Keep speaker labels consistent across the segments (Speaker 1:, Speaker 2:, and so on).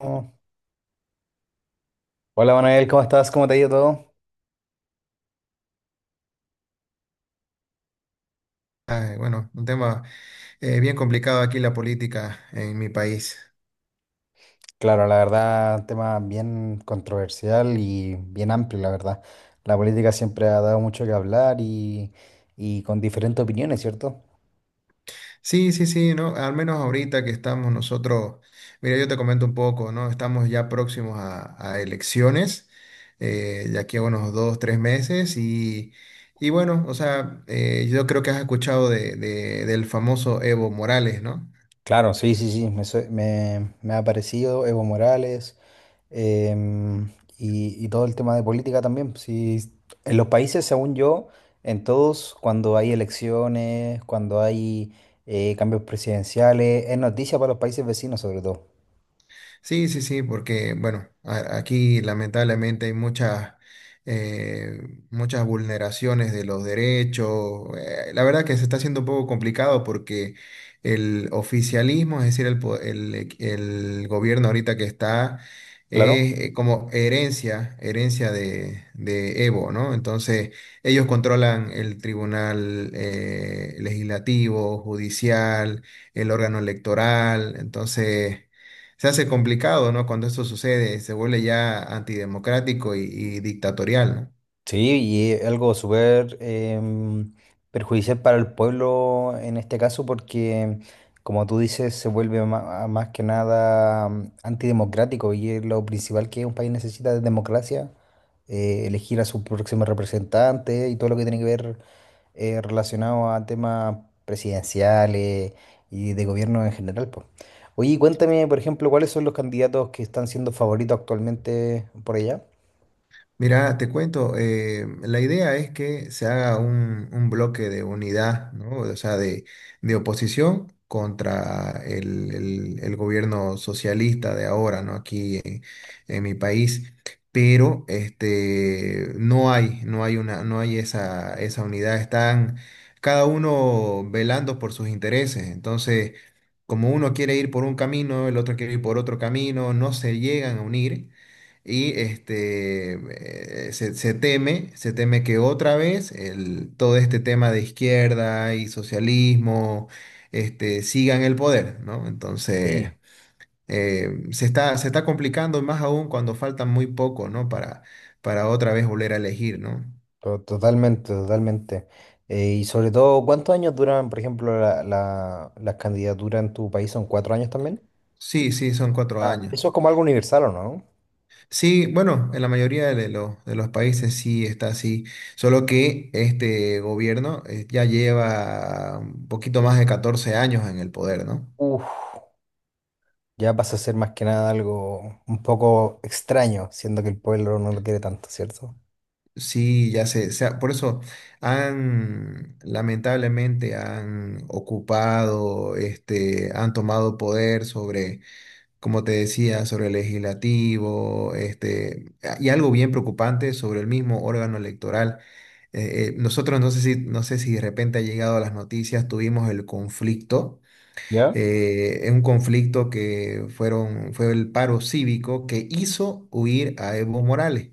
Speaker 1: Oh, hola Manuel, ¿cómo estás? ¿Cómo te ha ido todo?
Speaker 2: Ah, bueno, un tema bien complicado aquí la política en mi país.
Speaker 1: Claro, la verdad, tema bien controversial y bien amplio, la verdad. La política siempre ha dado mucho que hablar, y con diferentes opiniones, ¿cierto?
Speaker 2: Sí, sí, sí, ¿no? Al menos ahorita que estamos nosotros, mira, yo te comento un poco, ¿no? Estamos ya próximos a elecciones, de aquí a unos dos, tres meses, y bueno, o sea, yo creo que has escuchado del famoso Evo Morales, ¿no?
Speaker 1: Claro, sí, sí, sí, me ha parecido Evo Morales em, y todo el tema de política también. Sí, en los países, según yo, en todos, cuando hay elecciones, cuando hay cambios presidenciales, es noticia para los países vecinos sobre todo.
Speaker 2: Sí, sí, sí, porque bueno, aquí lamentablemente hay eh, muchas vulneraciones de los derechos. La verdad que se está haciendo un poco complicado porque el oficialismo, es decir, el, el gobierno ahorita que está,
Speaker 1: Claro.
Speaker 2: es como herencia, herencia de Evo, ¿no? Entonces, ellos controlan el tribunal legislativo, judicial, el órgano electoral, entonces se hace complicado, ¿no? Cuando esto sucede, se vuelve ya antidemocrático y dictatorial, ¿no?
Speaker 1: Sí, y es algo súper perjudicial para el pueblo en este caso porque, como tú dices, se vuelve más que nada antidemocrático y es lo principal que un país necesita de democracia, elegir a su próximo representante y todo lo que tiene que ver relacionado a temas presidenciales y de gobierno en general, po. Oye, y cuéntame, por ejemplo, ¿cuáles son los candidatos que están siendo favoritos actualmente por allá?
Speaker 2: Mira, te cuento, la idea es que se haga un bloque de unidad, ¿no? O sea, de oposición contra el gobierno socialista de ahora, ¿no? Aquí en mi país. Pero este, no hay esa unidad. Están cada uno velando por sus intereses. Entonces, como uno quiere ir por un camino, el otro quiere ir por otro camino, no se llegan a unir. Y este, se teme que otra vez todo este tema de izquierda y socialismo este, siga en el poder, ¿no?
Speaker 1: Sí.
Speaker 2: Entonces, se está complicando más aún cuando faltan muy poco, ¿no? Para otra vez volver a elegir, ¿no?
Speaker 1: To- Totalmente, totalmente. Y sobre todo, ¿cuántos años duran, por ejemplo, las candidaturas en tu país? ¿Son 4 años también?
Speaker 2: Sí, sí, son 4
Speaker 1: Ah,
Speaker 2: años.
Speaker 1: eso es como algo universal, ¿o no?
Speaker 2: Sí, bueno, en la mayoría de los países sí está así, solo que este gobierno ya lleva un poquito más de 14 años en el poder, ¿no?
Speaker 1: Uf, ya pasa a ser más que nada algo un poco extraño, siendo que el pueblo no lo quiere tanto, ¿cierto?
Speaker 2: Sí, ya por eso lamentablemente han ocupado, este, han tomado poder sobre como te decía, sobre el legislativo, este, y algo bien preocupante sobre el mismo órgano electoral. Nosotros no sé si de repente ha llegado a las noticias, tuvimos el conflicto
Speaker 1: ¿Ya?
Speaker 2: en un conflicto que fue el paro cívico que hizo huir a Evo Morales.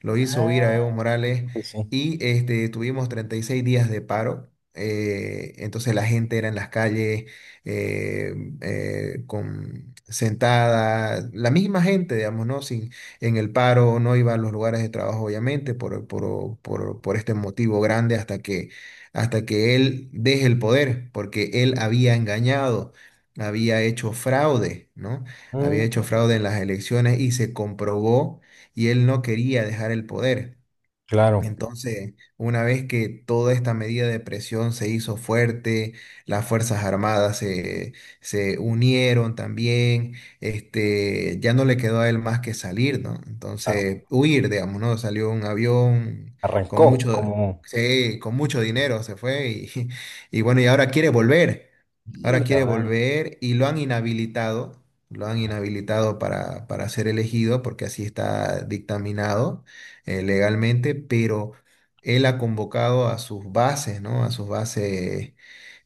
Speaker 2: Lo hizo huir a
Speaker 1: Ah,
Speaker 2: Evo Morales
Speaker 1: pues sí.
Speaker 2: y este, tuvimos 36 días de paro. Entonces la gente era en las calles eh, sentada, la misma gente, digamos, ¿no? Sin, En el paro, no iba a los lugares de trabajo, obviamente, por este motivo grande hasta que él deje el poder, porque él había engañado, había hecho fraude, ¿no? Había
Speaker 1: Mm,
Speaker 2: hecho fraude en las elecciones y se comprobó y él no quería dejar el poder.
Speaker 1: claro,
Speaker 2: Entonces, una vez que toda esta medida de presión se hizo fuerte, las Fuerzas Armadas se unieron también, este, ya no le quedó a él más que salir, ¿no?
Speaker 1: claro.
Speaker 2: Entonces, huir, digamos, ¿no? Salió un avión con
Speaker 1: Arrancó
Speaker 2: mucho,
Speaker 1: como.
Speaker 2: sí, con mucho dinero, se fue y, y bueno, y ahora
Speaker 1: Mira,
Speaker 2: quiere
Speaker 1: weón.
Speaker 2: volver y lo han inhabilitado para ser elegido porque así está dictaminado legalmente, pero él ha convocado a sus bases, ¿no? A sus bases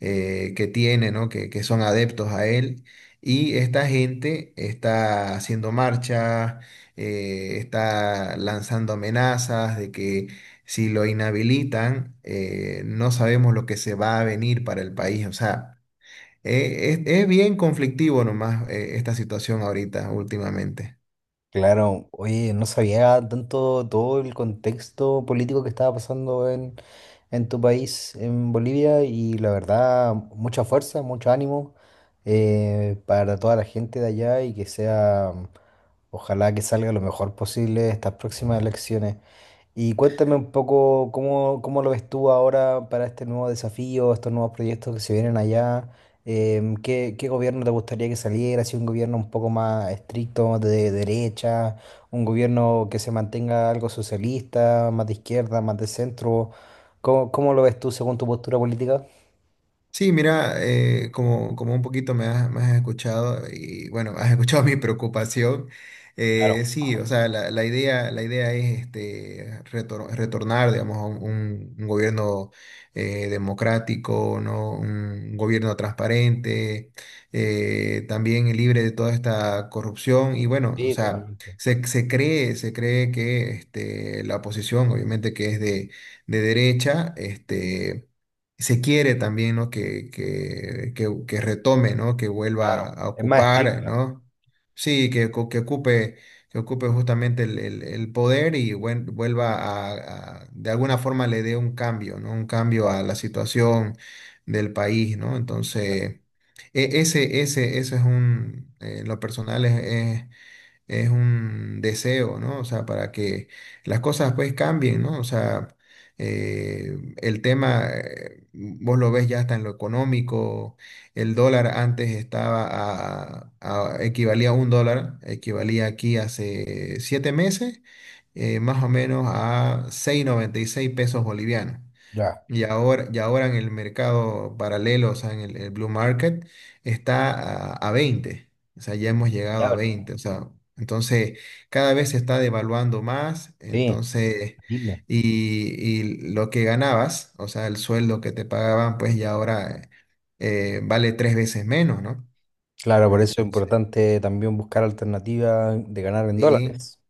Speaker 2: que tiene, ¿no? Que son adeptos a él. Y esta gente está haciendo marcha, está lanzando amenazas de que si lo inhabilitan, no sabemos lo que se va a venir para el país. O sea, es bien conflictivo nomás, esta situación ahorita, últimamente.
Speaker 1: Claro, oye, no sabía tanto todo el contexto político que estaba pasando en, tu país, en Bolivia, y la verdad, mucha fuerza, mucho ánimo, para toda la gente de allá y que sea, ojalá que salga lo mejor posible estas próximas elecciones. Y cuéntame un poco cómo, lo ves tú ahora para este nuevo desafío, estos nuevos proyectos que se vienen allá. ¿Qué gobierno te gustaría que saliera? Si un gobierno un poco más estricto, de derecha, un gobierno que se mantenga algo socialista, más de izquierda, más de centro. cómo lo ves tú según tu postura política?
Speaker 2: Sí, mira, como un poquito me has escuchado y bueno, has escuchado mi preocupación.
Speaker 1: Claro,
Speaker 2: Sí, o sea, la idea es este, retornar, digamos, a un gobierno democrático, ¿no? Un gobierno transparente, también libre de toda esta corrupción. Y bueno, o
Speaker 1: sí,
Speaker 2: sea,
Speaker 1: totalmente.
Speaker 2: se cree que este, la oposición, obviamente que es de derecha, este se quiere también, ¿no? Que retome, ¿no? Que vuelva
Speaker 1: Claro,
Speaker 2: a
Speaker 1: es más
Speaker 2: ocupar,
Speaker 1: estricta,
Speaker 2: ¿no? Sí, que ocupe justamente el poder y vuelva de alguna forma le dé un cambio, ¿no? Un cambio a
Speaker 1: claro.
Speaker 2: la situación del país, ¿no? Entonces, ese es en lo personal es un deseo, ¿no? O sea, para que las cosas pues cambien, ¿no? O sea, el tema, vos lo ves ya hasta en lo económico, el dólar antes estaba equivalía a un dólar, equivalía aquí hace 7 meses, más o menos a 6,96 pesos bolivianos.
Speaker 1: Ya,
Speaker 2: Y ahora en el mercado paralelo, o sea, en el blue market, está a 20. O sea, ya hemos llegado a
Speaker 1: diablo.
Speaker 2: 20. O sea, entonces cada vez se está devaluando más.
Speaker 1: Sí,
Speaker 2: Entonces,
Speaker 1: terrible.
Speaker 2: y, y lo que ganabas, o sea, el sueldo que te pagaban, pues ya ahora vale tres veces menos, ¿no?
Speaker 1: Claro, por eso es
Speaker 2: Entonces,
Speaker 1: importante también buscar alternativas de ganar en
Speaker 2: sí.
Speaker 1: dólares.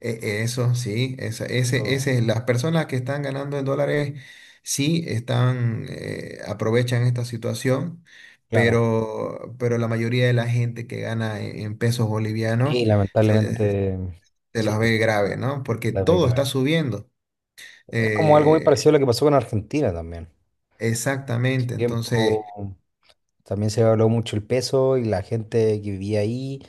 Speaker 2: Eso sí,
Speaker 1: Lo-
Speaker 2: las personas que están ganando en dólares sí aprovechan esta situación,
Speaker 1: Claro,
Speaker 2: pero la mayoría de la gente que gana en pesos bolivianos
Speaker 1: sí,
Speaker 2: se,
Speaker 1: lamentablemente, mm,
Speaker 2: se
Speaker 1: sí,
Speaker 2: los ve grave, ¿no? Porque
Speaker 1: la verdad
Speaker 2: todo está
Speaker 1: grave.
Speaker 2: subiendo.
Speaker 1: Es como algo muy
Speaker 2: Eh,
Speaker 1: parecido a lo que pasó con Argentina también. En su
Speaker 2: Exactamente, entonces.
Speaker 1: tiempo, también se evaluó mucho el peso y la gente que vivía ahí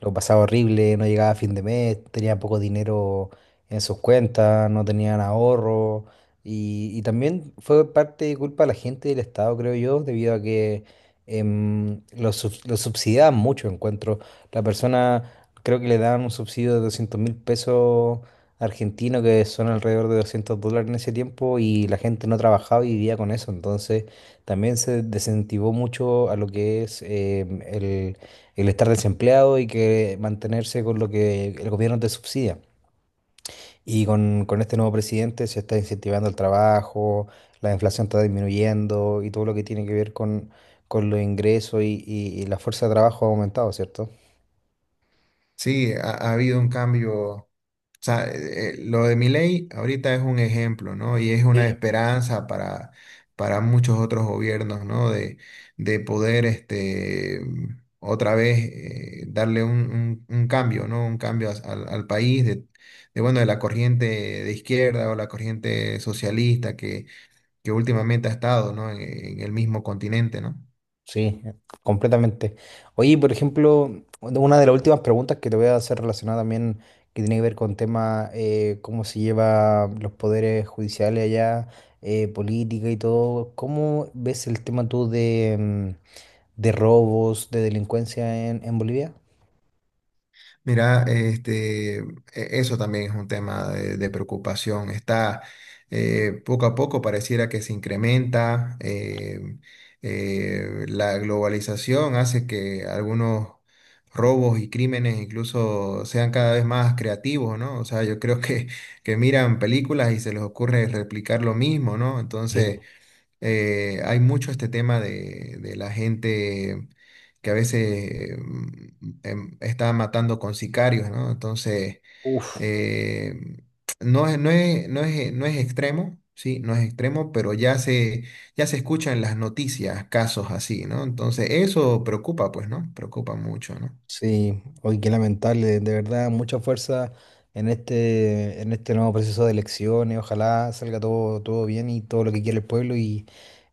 Speaker 1: lo pasaba horrible, no llegaba a fin de mes, tenía poco dinero en sus cuentas, no tenían ahorro. Y también fue parte de culpa de la gente del Estado, creo yo, debido a que lo subsidiaban mucho, encuentro. La persona, creo que le daban un subsidio de 200.000 pesos argentinos, que son alrededor de $200 en ese tiempo, y la gente no trabajaba y vivía con eso. Entonces también se desincentivó mucho a lo que es el estar desempleado y que mantenerse con lo que el gobierno te subsidia. Y con, este nuevo presidente se está incentivando el trabajo, la inflación está disminuyendo y todo lo que tiene que ver con los ingresos y la fuerza de trabajo ha aumentado, ¿cierto?
Speaker 2: Sí, ha habido un cambio. O sea, lo de Milei ahorita es un ejemplo, ¿no? Y es una
Speaker 1: Sí.
Speaker 2: esperanza para muchos otros gobiernos, ¿no? De poder este, otra vez darle un cambio, ¿no? Un cambio al país bueno, de la corriente de izquierda o la corriente socialista que últimamente ha estado, ¿no? En el mismo continente, ¿no?
Speaker 1: Sí, completamente. Oye, por ejemplo, bueno, una de las últimas preguntas que te voy a hacer relacionada también, que tiene que ver con tema, cómo se lleva los poderes judiciales allá, política y todo. ¿Cómo ves el tema tú de, de robos, de delincuencia en, Bolivia?
Speaker 2: Mira, este, eso también es un tema de preocupación. Está poco a poco pareciera que se incrementa. La globalización hace que algunos robos y crímenes incluso sean cada vez más creativos, ¿no? O sea, yo creo que miran películas y se les ocurre replicar lo mismo, ¿no?
Speaker 1: Sí.
Speaker 2: Entonces hay mucho este tema de la gente que a veces está matando con sicarios, ¿no? Entonces,
Speaker 1: Uf.
Speaker 2: eh, no es extremo, sí, no es extremo, pero ya se escuchan las noticias casos así, ¿no? Entonces, eso preocupa, pues, ¿no? Preocupa mucho, ¿no?
Speaker 1: Sí, hoy qué lamentable, de verdad, mucha fuerza en este nuevo proceso de elecciones. Ojalá salga todo, todo bien y todo lo que quiere el pueblo, y,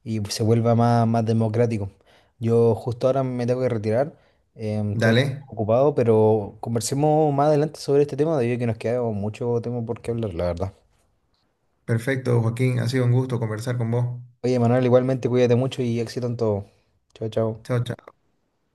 Speaker 1: y se vuelva más, más democrático. Yo justo ahora me tengo que retirar, em, estoy
Speaker 2: Dale,
Speaker 1: ocupado, pero conversemos más adelante sobre este tema, debido a que nos queda mucho tema por qué hablar, la verdad.
Speaker 2: perfecto, Joaquín, ha sido un gusto conversar con vos.
Speaker 1: Oye, Manuel, igualmente cuídate mucho y éxito en todo. Chao, chao.
Speaker 2: Chao, chao.